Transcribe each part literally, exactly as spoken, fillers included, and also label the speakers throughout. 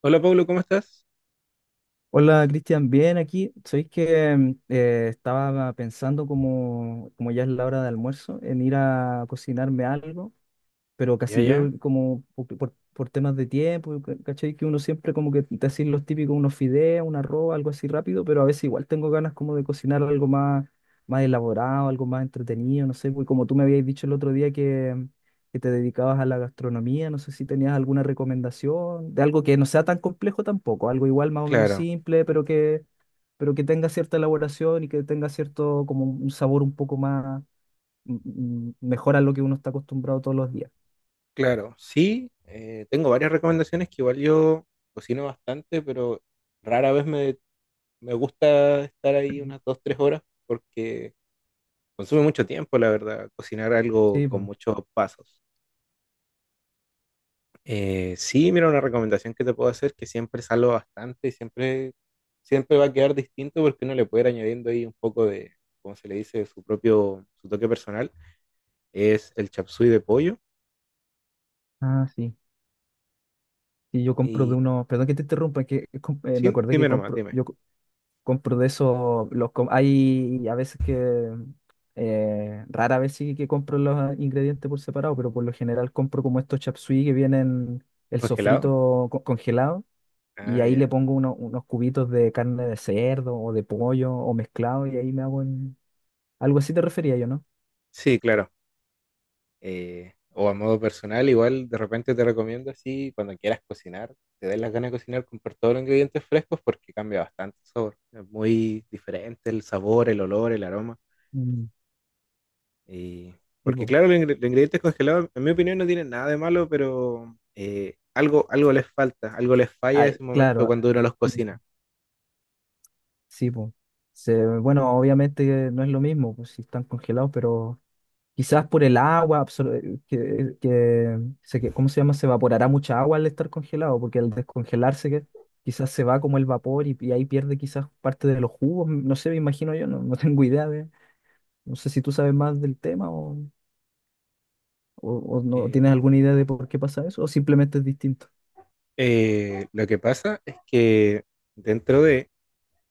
Speaker 1: Hola Pablo, ¿cómo estás?
Speaker 2: Hola Cristian, bien aquí. Sabéis que mm, eh, estaba pensando como, como ya es la hora de almuerzo en ir a cocinarme algo pero
Speaker 1: Ya,
Speaker 2: casi
Speaker 1: ya,
Speaker 2: yo como por, por- por temas de tiempo, ca- ¿cachai? Que uno siempre como que te hacen los típicos, unos fideos, un arroz, algo así rápido, pero a veces igual tengo ganas como de cocinar algo más, más elaborado, algo más entretenido, no sé, pues como tú me habías dicho el otro día que, que te dedicabas a la gastronomía, no sé si tenías alguna recomendación de algo que no sea tan complejo tampoco, algo igual más o menos
Speaker 1: claro,
Speaker 2: simple, pero que, pero que tenga cierta elaboración y que tenga cierto como un sabor un poco más mm, mm, mejor a lo que uno está acostumbrado todos los días.
Speaker 1: claro. Sí, eh, tengo varias recomendaciones que igual yo cocino bastante, pero rara vez me, me gusta estar ahí unas dos, tres horas porque consume mucho tiempo, la verdad, cocinar algo
Speaker 2: Sí,
Speaker 1: con
Speaker 2: po.
Speaker 1: muchos pasos. Eh, sí, mira, una recomendación que te puedo hacer que siempre salgo bastante y siempre, siempre va a quedar distinto porque uno le puede ir añadiendo ahí un poco de, como se le dice, su propio, su toque personal, es el chapsui de pollo.
Speaker 2: Ah, sí. Sí, yo compro de
Speaker 1: Y
Speaker 2: uno, perdón que te interrumpa, es que com- eh, me
Speaker 1: Sí,
Speaker 2: acordé que
Speaker 1: dime nomás,
Speaker 2: compro,
Speaker 1: dime.
Speaker 2: yo co- compro de esos, los com- hay a veces que, eh, rara vez sí que compro los ingredientes por separado, pero por lo general compro como estos chapsui que vienen el
Speaker 1: ¿Congelado?
Speaker 2: sofrito co- congelado y
Speaker 1: Ah,
Speaker 2: ahí le
Speaker 1: ya.
Speaker 2: pongo uno- unos cubitos de carne de cerdo o de pollo o mezclado y ahí me hago en... Algo así te refería yo, ¿no?
Speaker 1: Sí, claro. Eh, o a modo personal, igual de repente te recomiendo así, cuando quieras cocinar, te den las ganas de cocinar, comprar todos los ingredientes frescos porque cambia bastante el sabor. Es muy diferente el sabor, el olor, el aroma.
Speaker 2: Mm,
Speaker 1: Y Porque
Speaker 2: tipo,
Speaker 1: claro, los, ingre- los ingredientes congelados, en mi opinión, no tienen nada de malo, pero eh, algo, algo les falta, algo les falla
Speaker 2: ah,
Speaker 1: ese
Speaker 2: claro.
Speaker 1: momento
Speaker 2: Ah,
Speaker 1: cuando uno los
Speaker 2: mm.
Speaker 1: cocina.
Speaker 2: Sí, pues. Se- bueno, obviamente que no es lo mismo, pues si están congelados, pero quizás por el agua, absor- eh, que, que, se que- ¿cómo se llama? Se evaporará mucha agua al estar congelado, porque al descongelarse que, quizás se va como el vapor y, y ahí pierde quizás parte de los jugos, no sé, me imagino yo, no, no tengo idea de, no sé si tú sabes más del tema o, o, o no
Speaker 1: Eh,
Speaker 2: tienes alguna idea de por qué pasa eso, o simplemente es distinto.
Speaker 1: eh, lo que pasa es que dentro de...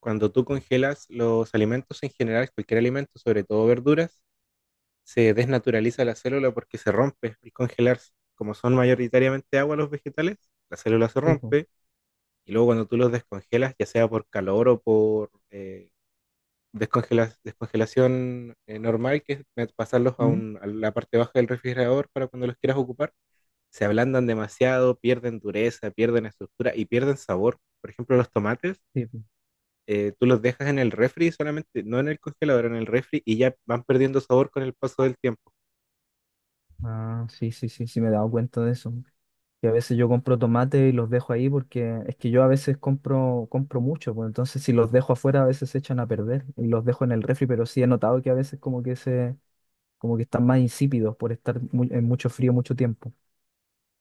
Speaker 1: cuando tú congelas los alimentos en general, cualquier alimento, sobre todo verduras, se desnaturaliza la célula porque se rompe al congelarse. Como son mayoritariamente agua los vegetales, la célula se
Speaker 2: Sí, pues.
Speaker 1: rompe y luego cuando tú los descongelas, ya sea por calor o por eh, descongela- descongelación eh, normal, que es eh, pasarlos a,
Speaker 2: ¿Mm?
Speaker 1: un- a la parte baja del refrigerador para cuando los quieras ocupar, se ablandan demasiado, pierden dureza, pierden estructura y pierden sabor. Por ejemplo, los tomates,
Speaker 2: Sí, pues.
Speaker 1: eh, tú los dejas en el refri solamente, no en el congelador, en el refri y ya van perdiendo sabor con el paso del tiempo.
Speaker 2: Ah, sí, sí, sí, sí, me he dado cuenta de eso. Que a veces yo compro tomate y los dejo ahí porque es que yo a veces compro, compro mucho, pues entonces si los dejo afuera a veces se echan a perder y los dejo en el refri, pero sí he notado que a veces como que se, como que están más insípidos por estar mu- en mucho frío mucho tiempo.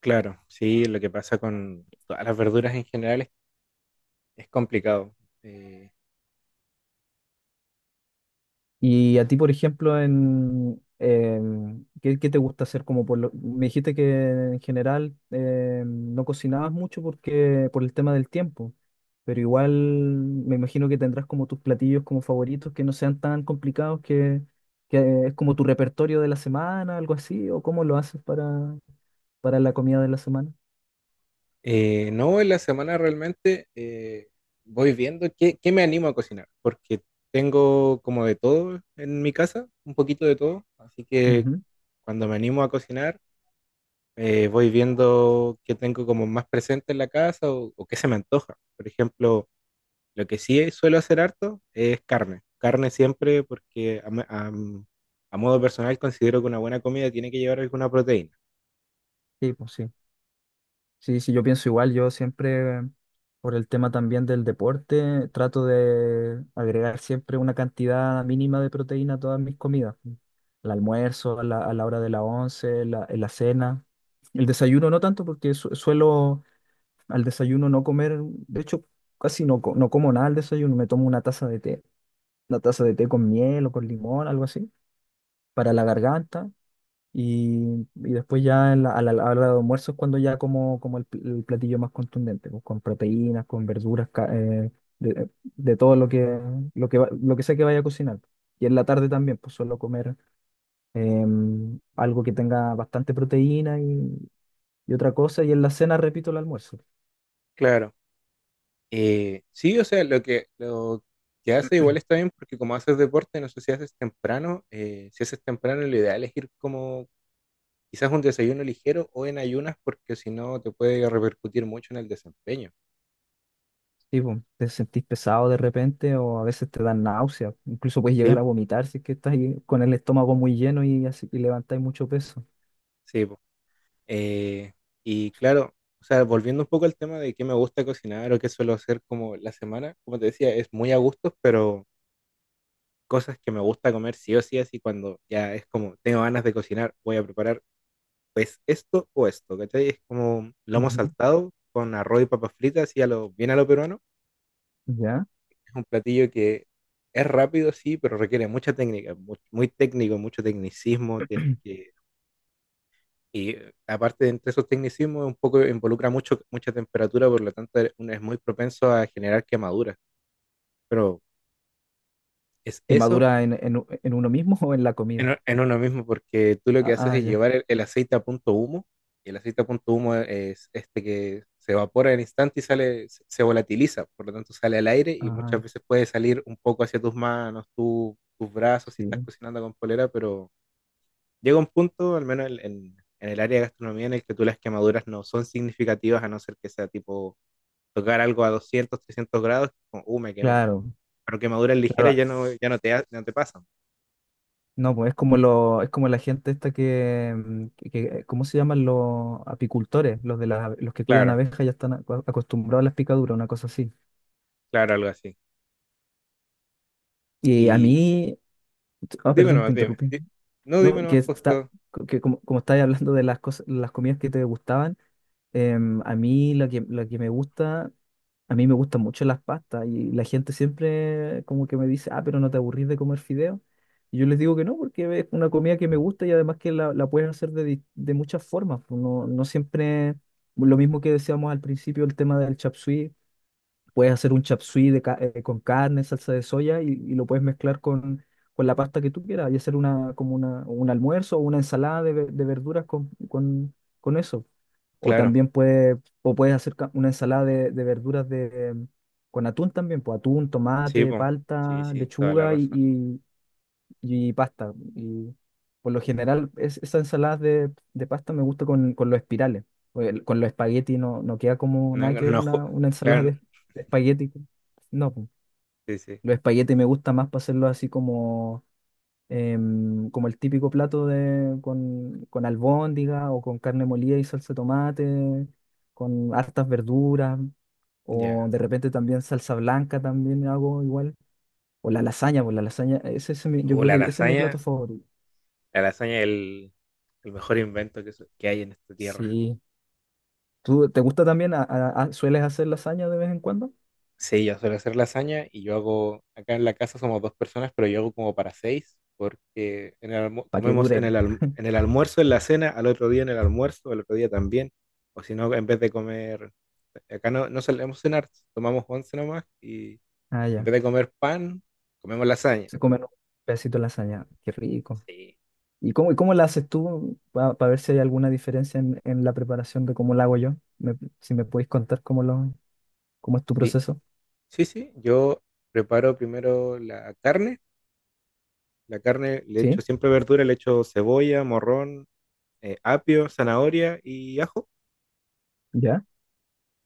Speaker 1: Claro, sí, lo que pasa con todas las verduras en general es, es complicado. Eh,
Speaker 2: Y a ti, por ejemplo, en, em, ¿qué, ¿qué te gusta hacer como por lo- Me dijiste que en general em, no cocinabas mucho porque por el tema del tiempo, pero igual me imagino que tendrás como tus platillos como favoritos que no sean tan complicados que, que es como tu repertorio de la semana, algo así, o cómo lo haces para, para la comida de la semana.
Speaker 1: eh, no, en la semana realmente eh, voy viendo qué, qué me animo a cocinar, porque tengo como de todo en mi casa, un poquito de todo, así que
Speaker 2: Ujú.
Speaker 1: cuando me animo a cocinar, eh, voy viendo qué tengo como más presente en la casa o, o qué se me antoja. Por ejemplo, lo que sí suelo hacer harto es carne. Carne siempre porque a, me- a- mm, a modo personal considero que una buena comida tiene que llevar alguna proteína.
Speaker 2: Sí, pues sí. Sí, sí, yo pienso igual, yo siempre, por el tema también del deporte, trato de agregar siempre una cantidad mínima de proteína a todas mis comidas. El almuerzo, a la, a la hora de la once, la, en la cena. El desayuno no tanto, porque su- suelo al desayuno no comer, de hecho, casi no, co- no como nada al desayuno, me tomo una taza de té, una taza de té con miel o con limón, algo así, para la garganta. Y, y después ya en la- a la, a la hora de almuerzo es cuando ya como, como el, pl- el platillo más contundente, pues, con proteínas, con verduras, ca- eh, de, eh, de todo lo que, lo que, va- lo que sea que vaya a cocinar. Y en la tarde también, pues suelo comer em, algo que tenga bastante proteína y, y otra cosa. Y en la cena repito el almuerzo.
Speaker 1: Claro. Eh, sí, o sea, lo que, lo que hace igual está bien porque como haces deporte, no sé si haces temprano, eh, si haces temprano lo ideal es ir como quizás un desayuno ligero o en ayunas porque si no te puede repercutir mucho en el desempeño.
Speaker 2: Tipo, te sentís pesado de repente o a veces te dan náuseas. Incluso puedes
Speaker 1: Sí,
Speaker 2: llegar a vomitar si es que estás ahí con el estómago muy lleno y, así, y levantáis mucho peso.
Speaker 1: sí. Eh, y claro, o sea, volviendo un poco al tema de qué me gusta cocinar o qué suelo hacer como la semana, como te decía, es muy a gustos, pero cosas que me gusta comer sí o sí, así cuando ya es como tengo ganas de cocinar, voy a preparar pues esto o esto, ¿cachai? Es como lomo
Speaker 2: Ujú.
Speaker 1: saltado con arroz y papas fritas y a lo, bien a lo peruano.
Speaker 2: ¿Ya?
Speaker 1: Es un platillo que es rápido, sí, pero requiere mucha técnica, mu- muy, técnico, mucho tecnicismo, tienes que. Y eh, aparte de entre esos tecnicismos, un poco involucra mucho, mucha temperatura, por lo tanto e, uno es muy propenso a generar quemaduras. Pero es
Speaker 2: Que
Speaker 1: eso
Speaker 2: madura en, en, u- en uno mismo o en la comida.
Speaker 1: en, en uno mismo, porque tú lo que
Speaker 2: Ah,
Speaker 1: haces
Speaker 2: ah,
Speaker 1: es
Speaker 2: ya.
Speaker 1: llevar el, el aceite a punto humo, y el aceite a punto humo es este que se evapora en instante y sale, se se volatiliza, por lo tanto sale al aire y muchas
Speaker 2: Ah,
Speaker 1: veces puede salir un poco hacia tus manos, tu- tus brazos si estás
Speaker 2: sí.
Speaker 1: cocinando con polera, pero llega un punto, al menos en, en- en el área de gastronomía, en el que tú las quemaduras no son significativas, a no ser que sea tipo tocar algo a doscientos, trescientos grados, como, uh, me quemé.
Speaker 2: Claro,
Speaker 1: Pero quemaduras ligeras
Speaker 2: claro.
Speaker 1: ya no, ya no te, ha- no te pasan.
Speaker 2: No, pues es como lo, es como la gente esta que, mm, que- que- eh, ¿cómo se llaman los apicultores? Los de las, los que cuidan
Speaker 1: Claro,
Speaker 2: abejas ya están acu- acostumbrados a las picaduras, una cosa así.
Speaker 1: claro, algo así.
Speaker 2: Y a
Speaker 1: Y
Speaker 2: mí, ah,
Speaker 1: dime
Speaker 2: perdón, te
Speaker 1: nomás, dime.
Speaker 2: interrumpí.
Speaker 1: Di- No, dime
Speaker 2: No, que
Speaker 1: nomás
Speaker 2: está,
Speaker 1: justo.
Speaker 2: que como, como estáis hablando de las cosas, las comidas que te gustaban. Em, a mí lo que, lo que me gusta, a mí me gustan mucho las pastas y la gente siempre como que me dice, ah, pero no te aburrís de comer fideo. Y yo les digo que no, porque es una comida que me gusta y además que la, la puedes hacer de, di- de muchas formas. Pues no, no siempre lo mismo que decíamos al principio, el tema del chapsui. Puedes hacer un chap suey de ca- eh, con carne, salsa de soya y, y lo puedes mezclar con, con la pasta que tú quieras y hacer una, como una, un almuerzo o una ensalada de, ve- de verduras con, con, con eso. O
Speaker 1: Claro,
Speaker 2: también puedes, o puedes hacer ca- una ensalada de, de verduras de, con atún también, pues atún,
Speaker 1: sí,
Speaker 2: tomate,
Speaker 1: po. Sí,
Speaker 2: palta,
Speaker 1: sí, toda la
Speaker 2: lechuga
Speaker 1: razón.
Speaker 2: y y pasta. Y por lo general, es, esa ensalada de, de pasta me gusta con, con los espirales. o el- Con los espaguetis no, no queda como
Speaker 1: No,
Speaker 2: nada que ver
Speaker 1: no, ju-
Speaker 2: una, una ensalada
Speaker 1: claro,
Speaker 2: de, de espagueti. No, po.
Speaker 1: sí, sí.
Speaker 2: Los espaguetis me gusta más para hacerlo así como, em, como el típico plato de, con, con albóndiga o con carne molida y salsa de tomate, con hartas verduras. O
Speaker 1: Ya.
Speaker 2: de repente también salsa blanca también hago igual. O la lasaña, pues la lasaña, ese es mi- yo
Speaker 1: O
Speaker 2: creo
Speaker 1: la
Speaker 2: que ese es mi
Speaker 1: lasaña,
Speaker 2: plato favorito.
Speaker 1: la lasaña es el, el mejor invento que, so- que hay en esta tierra.
Speaker 2: Sí. ¿Tú te gusta también? a- a- a- ¿sueles hacer lasaña de vez en cuando?
Speaker 1: Sí, ya suele hacer lasaña y yo hago, acá en la casa somos dos personas, pero yo hago como para seis, porque en el almu-
Speaker 2: Para que
Speaker 1: comemos en
Speaker 2: dure.
Speaker 1: el, alm- en el almuerzo, en la cena, al otro día en el almuerzo, al otro día también, o si no, en vez de comer, acá no, no solemos cenar, tomamos once nomás y
Speaker 2: Ah,
Speaker 1: en
Speaker 2: ya.
Speaker 1: vez de comer pan, comemos lasaña.
Speaker 2: Se comen un pedacito de lasaña. Qué rico.
Speaker 1: Sí.
Speaker 2: ¿Y cómo, y cómo la haces tú? Para ver si hay alguna diferencia en, en la preparación de cómo la hago yo. Me- si me puedes contar cómo, lo, cómo es tu
Speaker 1: Sí,
Speaker 2: proceso.
Speaker 1: sí, sí, yo preparo primero la carne, la carne le echo
Speaker 2: ¿Sí?
Speaker 1: siempre verdura, le echo cebolla, morrón, eh, apio, zanahoria y ajo.
Speaker 2: ¿Ya?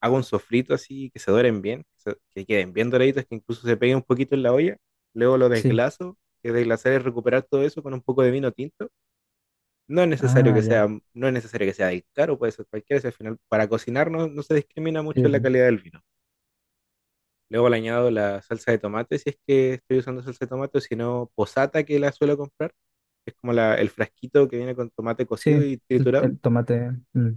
Speaker 1: Hago un sofrito así, que se doren bien, que, se- que queden bien doraditos, que incluso se peguen un poquito en la olla. Luego lo
Speaker 2: Sí.
Speaker 1: desglaso, que desglasar es recuperar todo eso con un poco de vino tinto. No es necesario
Speaker 2: Ah,
Speaker 1: que sea,
Speaker 2: ya.
Speaker 1: no es necesario que sea del caro, puede ser cualquiera, si al final para cocinar no, no se discrimina
Speaker 2: Sí,
Speaker 1: mucho en la
Speaker 2: pu-
Speaker 1: calidad del vino. Luego le añado la salsa de tomate, si es que estoy usando salsa de tomate, o si no, posata que la suelo comprar, que es como la- el frasquito que viene con tomate
Speaker 2: Sí.
Speaker 1: cocido y
Speaker 2: El,
Speaker 1: triturado
Speaker 2: el tomate. Mm.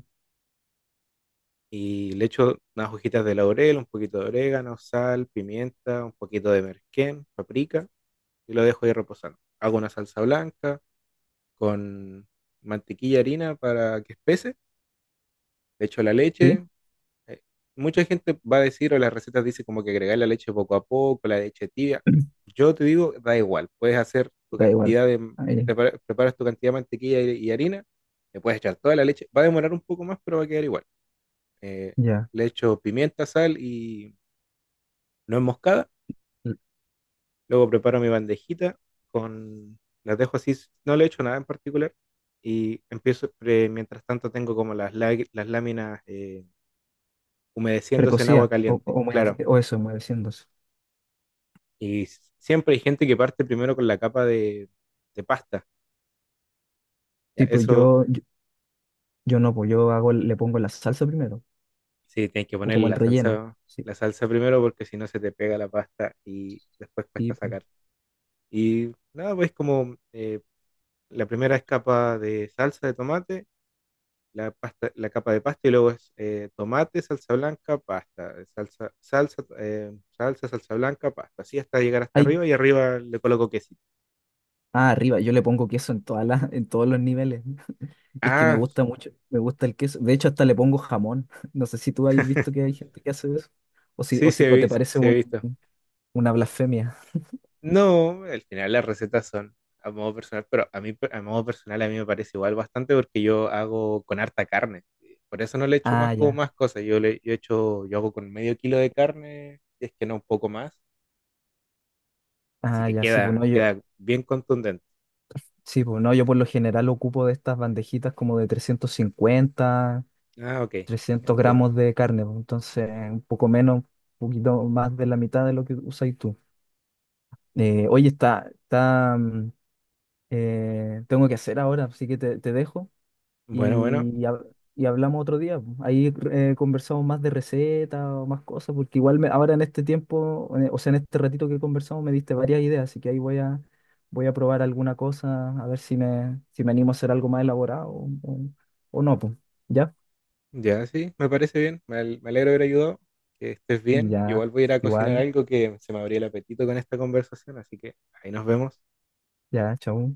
Speaker 1: y le echo unas hojitas de laurel, un poquito de orégano, sal, pimienta, un poquito de merquén, paprika y lo dejo ahí reposando. Hago una salsa blanca con mantequilla, harina para que espese, le echo la
Speaker 2: ¿Sí?
Speaker 1: leche. eh, Mucha gente va a decir, o las recetas dicen como que agregar la leche poco a poco, la leche tibia. Yo te digo, da igual, puedes hacer tu
Speaker 2: Da igual.
Speaker 1: cantidad de,
Speaker 2: Ahí,
Speaker 1: prepara- preparas tu cantidad de mantequilla y, y harina, le puedes echar toda la leche, va a demorar un poco más, pero va a quedar igual. Eh,
Speaker 2: ya.
Speaker 1: le echo pimienta, sal y no enmoscada.
Speaker 2: L-
Speaker 1: Luego preparo mi bandejita, con las dejo así, no le echo nada en particular y empiezo pre- mientras tanto tengo como las lá- las láminas eh, humedeciéndose en agua
Speaker 2: Precocida. O, o,
Speaker 1: caliente, claro.
Speaker 2: humedec- o eso, humedeciéndose.
Speaker 1: Y s- siempre hay gente que parte primero con la capa de, de pasta. Ya,
Speaker 2: Tipo,
Speaker 1: eso
Speaker 2: yo. Yo no, pues yo hago, el- le pongo la salsa primero,
Speaker 1: sí tienes que
Speaker 2: o
Speaker 1: ponerle
Speaker 2: como el
Speaker 1: la
Speaker 2: relleno.
Speaker 1: salsa
Speaker 2: Sí,
Speaker 1: la salsa primero porque si no se te pega la pasta y después cuesta
Speaker 2: sí, pues.
Speaker 1: sacar. Y nada, pues como eh, la primera es capa de salsa de tomate, la, pasta, la capa de pasta y luego es eh, tomate, salsa blanca, pasta, salsa, salsa, eh, salsa, salsa, blanca, pasta. Así hasta llegar hasta
Speaker 2: Ay,
Speaker 1: arriba y arriba le coloco quesito.
Speaker 2: ah, arriba, yo le pongo queso en todas las, en todos los niveles. Es que me
Speaker 1: Ah,
Speaker 2: gusta mucho, me gusta el queso. De hecho, hasta le pongo jamón. No sé si tú has visto que hay gente que hace eso. O si,
Speaker 1: sí,
Speaker 2: o
Speaker 1: sí
Speaker 2: si,
Speaker 1: he,
Speaker 2: o te
Speaker 1: visto
Speaker 2: parece
Speaker 1: sí he
Speaker 2: un-
Speaker 1: visto.
Speaker 2: una blasfemia.
Speaker 1: No, al final las recetas son a modo personal, pero a mí, a modo personal a mí me parece igual bastante porque yo hago con harta carne. Por eso no le echo más
Speaker 2: Ah,
Speaker 1: como
Speaker 2: ya,
Speaker 1: más cosas. Yo le yo echo, yo hago con medio kilo de carne, si es que no un poco más. Así
Speaker 2: ah,
Speaker 1: que
Speaker 2: ya, sí, pues
Speaker 1: queda,
Speaker 2: no, yo,
Speaker 1: queda bien contundente.
Speaker 2: sí, pues no, yo por lo general ocupo de estas bandejitas como de trescientos cincuenta
Speaker 1: Ah, ok,
Speaker 2: trescientos
Speaker 1: entiendo.
Speaker 2: gramos de carne, pues, entonces un poco menos, un poquito más de la mitad de lo que usáis tú. Eh, oye, está, está, mm, eh, tengo que hacer ahora, así que te, te dejo
Speaker 1: Bueno, bueno,
Speaker 2: y, hab- y hablamos otro día. Ahí eh, conversamos más de recetas o más cosas, porque igual me- ahora en este tiempo, eh, o sea, en este ratito que conversamos me diste varias ideas, así que ahí voy a, voy a probar alguna cosa, a ver si me, si me animo a hacer algo más elaborado o, o- o no, pues. ¿Ya?
Speaker 1: ya sí, me parece bien. Me, al- me alegro de haber ayudado. Que estés bien. Yo
Speaker 2: Ya,
Speaker 1: igual voy a ir a cocinar
Speaker 2: igual,
Speaker 1: algo que se me abrió el apetito con esta conversación, así que ahí nos vemos.
Speaker 2: ya, chao.